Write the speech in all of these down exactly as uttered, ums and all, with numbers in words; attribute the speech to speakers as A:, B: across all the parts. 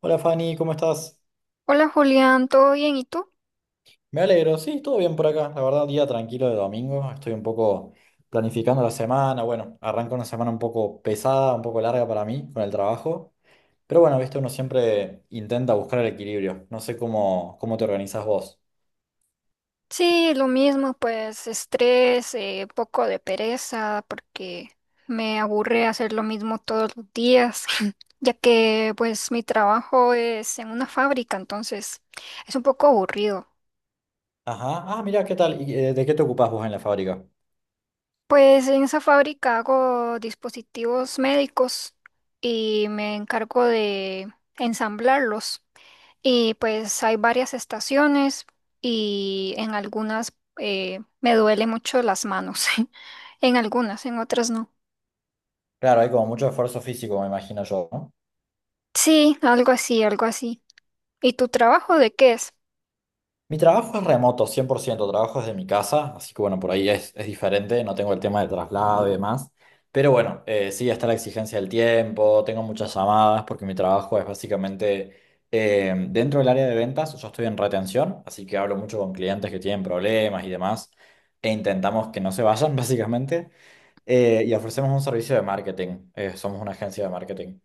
A: Hola Fanny, ¿cómo estás?
B: Hola Julián, ¿todo bien? ¿Y tú?
A: Me alegro, sí, todo bien por acá. La verdad, día tranquilo de domingo. Estoy un poco planificando la semana. Bueno, arranca una semana un poco pesada, un poco larga para mí con el trabajo. Pero bueno, viste, uno siempre intenta buscar el equilibrio. No sé cómo, cómo te organizás vos.
B: Sí, lo mismo, pues estrés, eh, poco de pereza, porque me aburre hacer lo mismo todos los días, ya que pues mi trabajo es en una fábrica, entonces es un poco aburrido.
A: Ajá, ah, mira, ¿qué tal? ¿Y, eh, de qué te ocupás vos en la fábrica?
B: Pues en esa fábrica hago dispositivos médicos y me encargo de ensamblarlos. Y pues hay varias estaciones y en algunas eh, me duele mucho las manos. En algunas, en otras no.
A: Claro, hay como mucho esfuerzo físico, me imagino yo, ¿no?
B: Sí, algo así, algo así. ¿Y tu trabajo de qué es?
A: Mi trabajo es remoto, cien por ciento. Trabajo desde mi casa, así que bueno, por ahí es, es diferente, no tengo el tema de traslado y demás, pero bueno, eh, sí está la exigencia del tiempo, tengo muchas llamadas porque mi trabajo es básicamente eh, dentro del área de ventas, yo estoy en retención, así que hablo mucho con clientes que tienen problemas y demás, e intentamos que no se vayan básicamente, eh, y ofrecemos un servicio de marketing, eh, somos una agencia de marketing.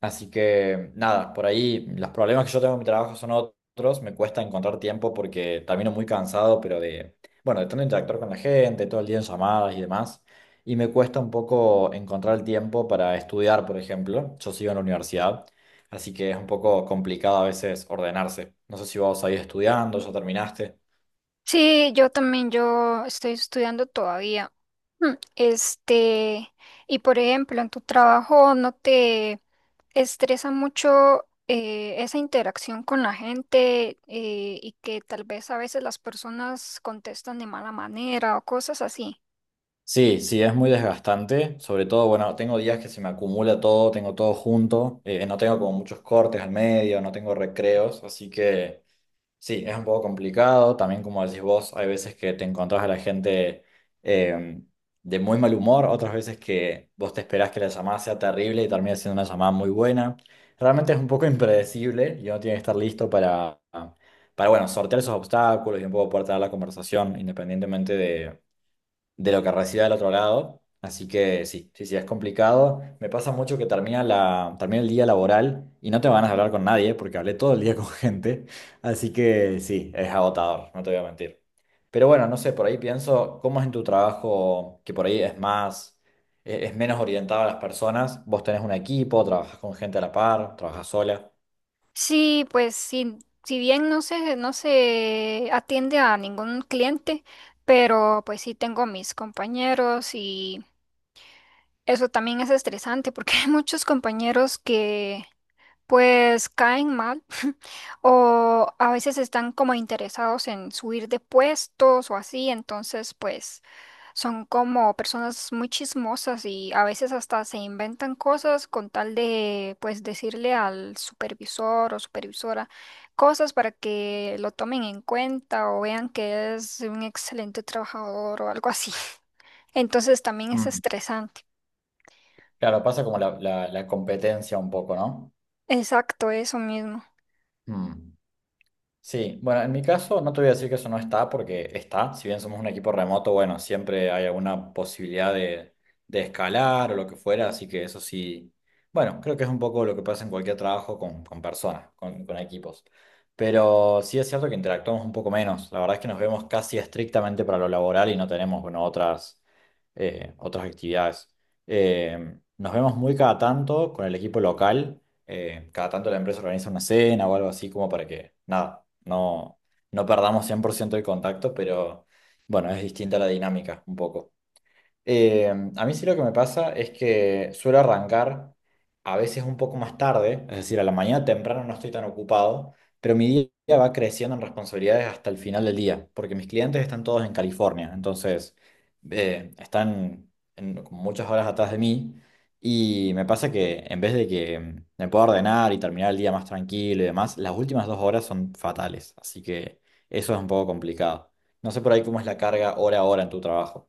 A: Así que nada, por ahí los problemas que yo tengo en mi trabajo son otros, me cuesta encontrar tiempo porque termino muy cansado, pero de, bueno, de tanto interactuar con la gente, todo el día en llamadas y demás, y me cuesta un poco encontrar el tiempo para estudiar, por ejemplo, yo sigo en la universidad, así que es un poco complicado a veces ordenarse. No sé si vos ahí estudiando, ya terminaste.
B: Sí, yo también, yo estoy estudiando todavía. Hmm, Este, y por ejemplo, en tu trabajo, ¿no te estresa mucho eh, esa interacción con la gente eh, y que tal vez a veces las personas contestan de mala manera o cosas así?
A: Sí, sí, es muy desgastante. Sobre todo, bueno, tengo días que se me acumula todo, tengo todo junto. Eh, no tengo como muchos cortes al medio, no tengo recreos. Así que sí, es un poco complicado. También, como decís vos, hay veces que te encontrás a la gente eh, de muy mal humor, otras veces que vos te esperás que la llamada sea terrible y termina siendo una llamada muy buena. Realmente es un poco impredecible y uno tiene que estar listo para, para bueno, sortear esos obstáculos y un poco poder tener la conversación independientemente de lo que reciba del otro lado. Así que sí, sí, sí, es complicado. Me pasa mucho que termina la, termina el día laboral y no te van a hablar con nadie porque hablé todo el día con gente. Así que sí, es agotador, no te voy a mentir. Pero bueno, no sé, por ahí pienso, ¿cómo es en tu trabajo que por ahí es más, e- es menos orientado a las personas? Vos tenés un equipo, trabajas con gente a la par, trabajas sola.
B: Sí, pues sí, si bien no se, no se atiende a ningún cliente, pero pues sí tengo mis compañeros. Eso también es estresante porque hay muchos compañeros que pues caen mal o a veces están como interesados en subir de puestos o así, entonces pues son como personas muy chismosas y a veces hasta se inventan cosas con tal de pues decirle al supervisor o supervisora cosas para que lo tomen en cuenta o vean que es un excelente trabajador o algo así. Entonces también es
A: Mm.
B: estresante.
A: Claro, pasa como la, la- la competencia un poco, ¿no?
B: Exacto, eso mismo.
A: Mm. Sí, bueno, en mi caso no te voy a decir que eso no está porque está, si bien somos un equipo remoto, bueno, siempre hay alguna posibilidad de, de escalar o lo que fuera, así que eso sí, bueno, creo que es un poco lo que pasa en cualquier trabajo con, con personas, con, con equipos. Pero sí es cierto que interactuamos un poco menos, la verdad es que nos vemos casi estrictamente para lo laboral y no tenemos, bueno, otras, eh, otras actividades. Eh, nos vemos muy cada tanto con el equipo local eh, cada tanto la empresa organiza una cena o algo así como para que, nada, no, no perdamos cien por ciento el contacto, pero bueno, es distinta la dinámica un poco. Eh, a mí sí lo que me pasa es que suelo arrancar a veces un poco más tarde, es decir, a la mañana temprano no estoy tan ocupado, pero mi día va creciendo en responsabilidades hasta el final del día, porque mis clientes están todos en California, entonces eh, están en- como muchas horas atrás de mí y me pasa que en vez de que mm, me pueda ordenar y terminar el día más tranquilo y demás, las últimas dos horas son fatales, así que eso es un poco complicado. No sé por ahí cómo es la carga hora a hora en tu trabajo.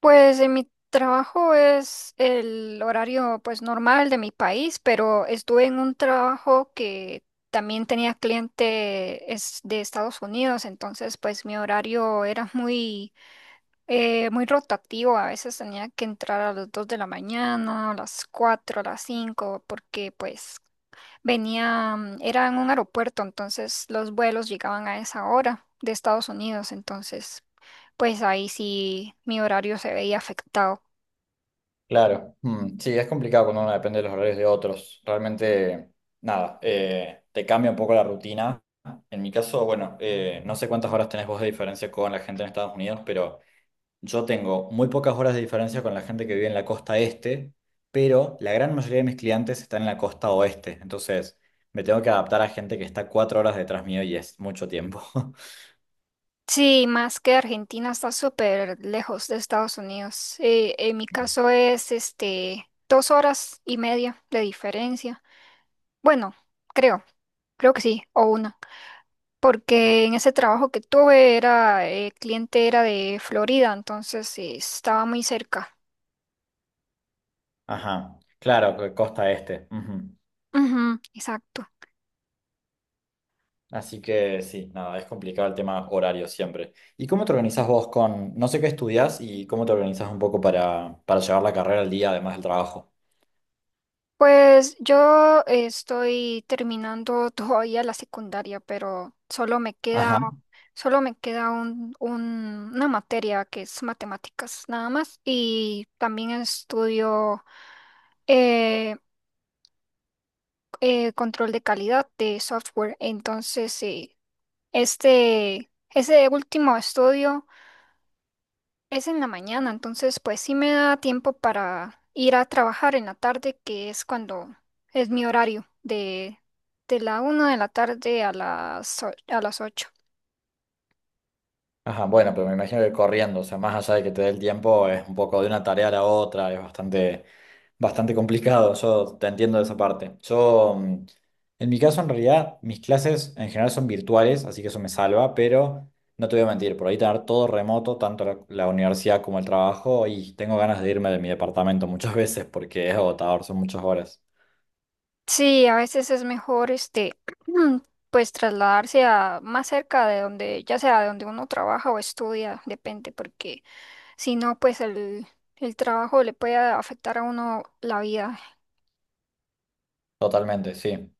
B: Pues en mi trabajo es el horario pues normal de mi país, pero estuve en un trabajo que también tenía cliente es de Estados Unidos, entonces pues mi horario era muy eh, muy rotativo. A veces tenía que entrar a las dos de la mañana, a las cuatro a las cinco, porque pues venía, mm, era en un aeropuerto, entonces los vuelos llegaban a esa hora de Estados Unidos, entonces pues ahí sí mi horario se veía afectado.
A: Claro. Mm, sí, es complicado cuando uno depende de los horarios de otros. Realmente, nada, eh, te cambia un poco la rutina. En mi caso, bueno, eh, no sé cuántas horas tenés vos de diferencia con la gente en Estados Unidos, pero yo tengo muy pocas horas de diferencia con la gente que vive en la costa este, pero la gran mayoría de mis clientes están en la costa oeste. Entonces, me tengo que adaptar a gente que está cuatro horas detrás mío y es mucho tiempo.
B: Sí, más que Argentina está súper lejos de Estados Unidos. Eh, en mi caso es este dos horas y media de diferencia. Bueno, creo, creo que sí, o una. Porque en ese trabajo que tuve era, eh, cliente era de Florida, entonces eh, estaba muy cerca.
A: Ajá, claro, co- costa este. Ujú.
B: Ujú, exacto.
A: Así que sí, nada, es complicado el tema horario siempre. ¿Y cómo te organizás vos con, no sé qué estudias y cómo te organizás un poco para, para llevar la carrera al día, además del trabajo?
B: Pues yo estoy terminando todavía la secundaria, pero solo me queda,
A: Ajá.
B: solo me queda un, un- una materia que es matemáticas nada más y también estudio eh, eh, control de calidad de software. Entonces, sí, este, ese último estudio es en la mañana, entonces pues sí me da tiempo para ir a trabajar en la tarde, que es cuando es mi horario, de, de la una de la tarde a las, o- a las ocho.
A: Ajá, bueno, pero me imagino que corriendo, o sea, más allá de que te dé el tiempo, es un poco de una tarea a la otra, es bastante, bastante complicado, yo te entiendo de esa parte. Yo, mm, en mi caso, en realidad, mis clases en general son virtuales, así que eso me salva, pero no te voy a mentir, por ahí tener todo remoto, tanto la, la universidad como el trabajo, y tengo ganas de irme de mi departamento muchas veces porque es agotador, son muchas horas.
B: Sí, a veces es mejor este pues trasladarse a más cerca de donde, ya sea de donde uno trabaja o estudia, depende, porque si no, pues el, el trabajo le puede afectar a uno la vida.
A: Totalmente, sí.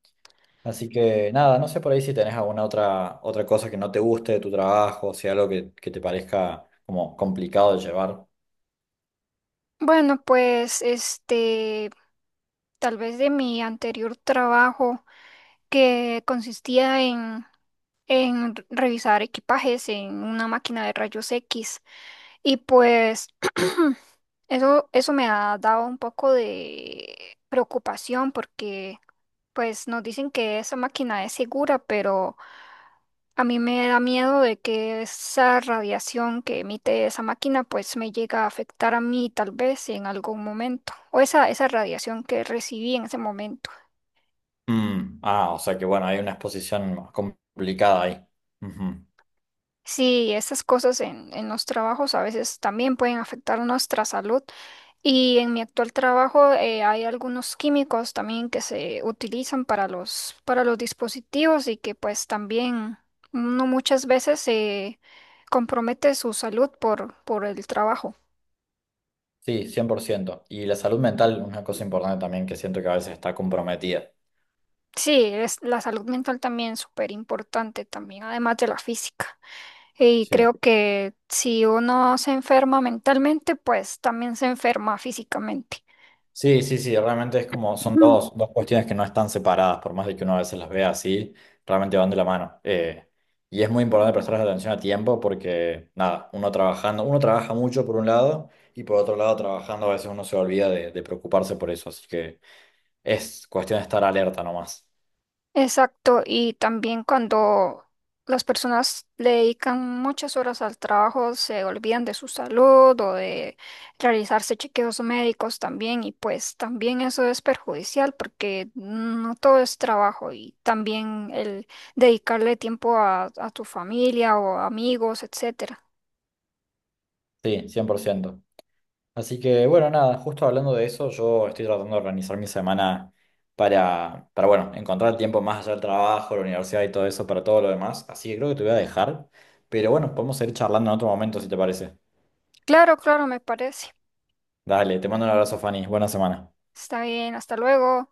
A: Así que nada, no sé por ahí si tenés alguna otra, otra cosa que no te guste de tu trabajo, o sea, algo que, que te parezca como complicado de llevar.
B: Bueno, pues este, tal vez de mi anterior trabajo, que consistía en, en revisar equipajes en una máquina de rayos X. Y pues eso, eso me ha dado un poco de preocupación porque pues nos dicen que esa máquina es segura, pero a mí me da miedo de que esa radiación que emite esa máquina pues me llega a afectar a mí tal vez en algún momento, o esa, esa radiación que recibí en ese momento.
A: Mm, ah, o sea que bueno, hay una exposición más complicada ahí. Ujú.
B: Sí, esas cosas en, en los trabajos a veces también pueden afectar nuestra salud. Y en mi actual trabajo eh, hay algunos químicos también que se utilizan para los, para los dispositivos y que pues también uno muchas veces se compromete su salud por, por el trabajo.
A: Sí, cien por ciento. Y la salud mental, una cosa importante también que siento que a veces está comprometida.
B: Sí, es la salud mental también súper importante también, además de la física. Y
A: Sí.
B: creo que si uno se enferma mentalmente, pues también se enferma físicamente.
A: Sí, sí, sí, realmente es como, son dos, dos cuestiones que no están separadas, por más de que uno a veces las vea así, realmente van de la mano. Eh, y es muy importante prestarles atención a tiempo porque, nada, uno trabajando, uno trabaja mucho por un lado y por otro lado trabajando a veces uno se olvida de, de preocuparse por eso, así que es cuestión de estar alerta nomás.
B: Exacto, y también cuando las personas le dedican muchas horas al trabajo, se olvidan de su salud o de realizarse chequeos médicos también, y pues también eso es perjudicial porque no todo es trabajo y también el dedicarle tiempo a, a tu familia o amigos, etcétera.
A: Sí, cien por ciento. Así que bueno, nada, justo hablando de eso, yo estoy tratando de organizar mi semana para, para bueno, encontrar tiempo más allá del trabajo, la universidad y todo eso, para todo lo demás. Así que creo que te voy a dejar. Pero bueno, podemos seguir charlando en otro momento si te parece.
B: Claro, claro, me parece.
A: Dale, te mando un abrazo, Fanny. Buena semana.
B: Está bien, hasta luego.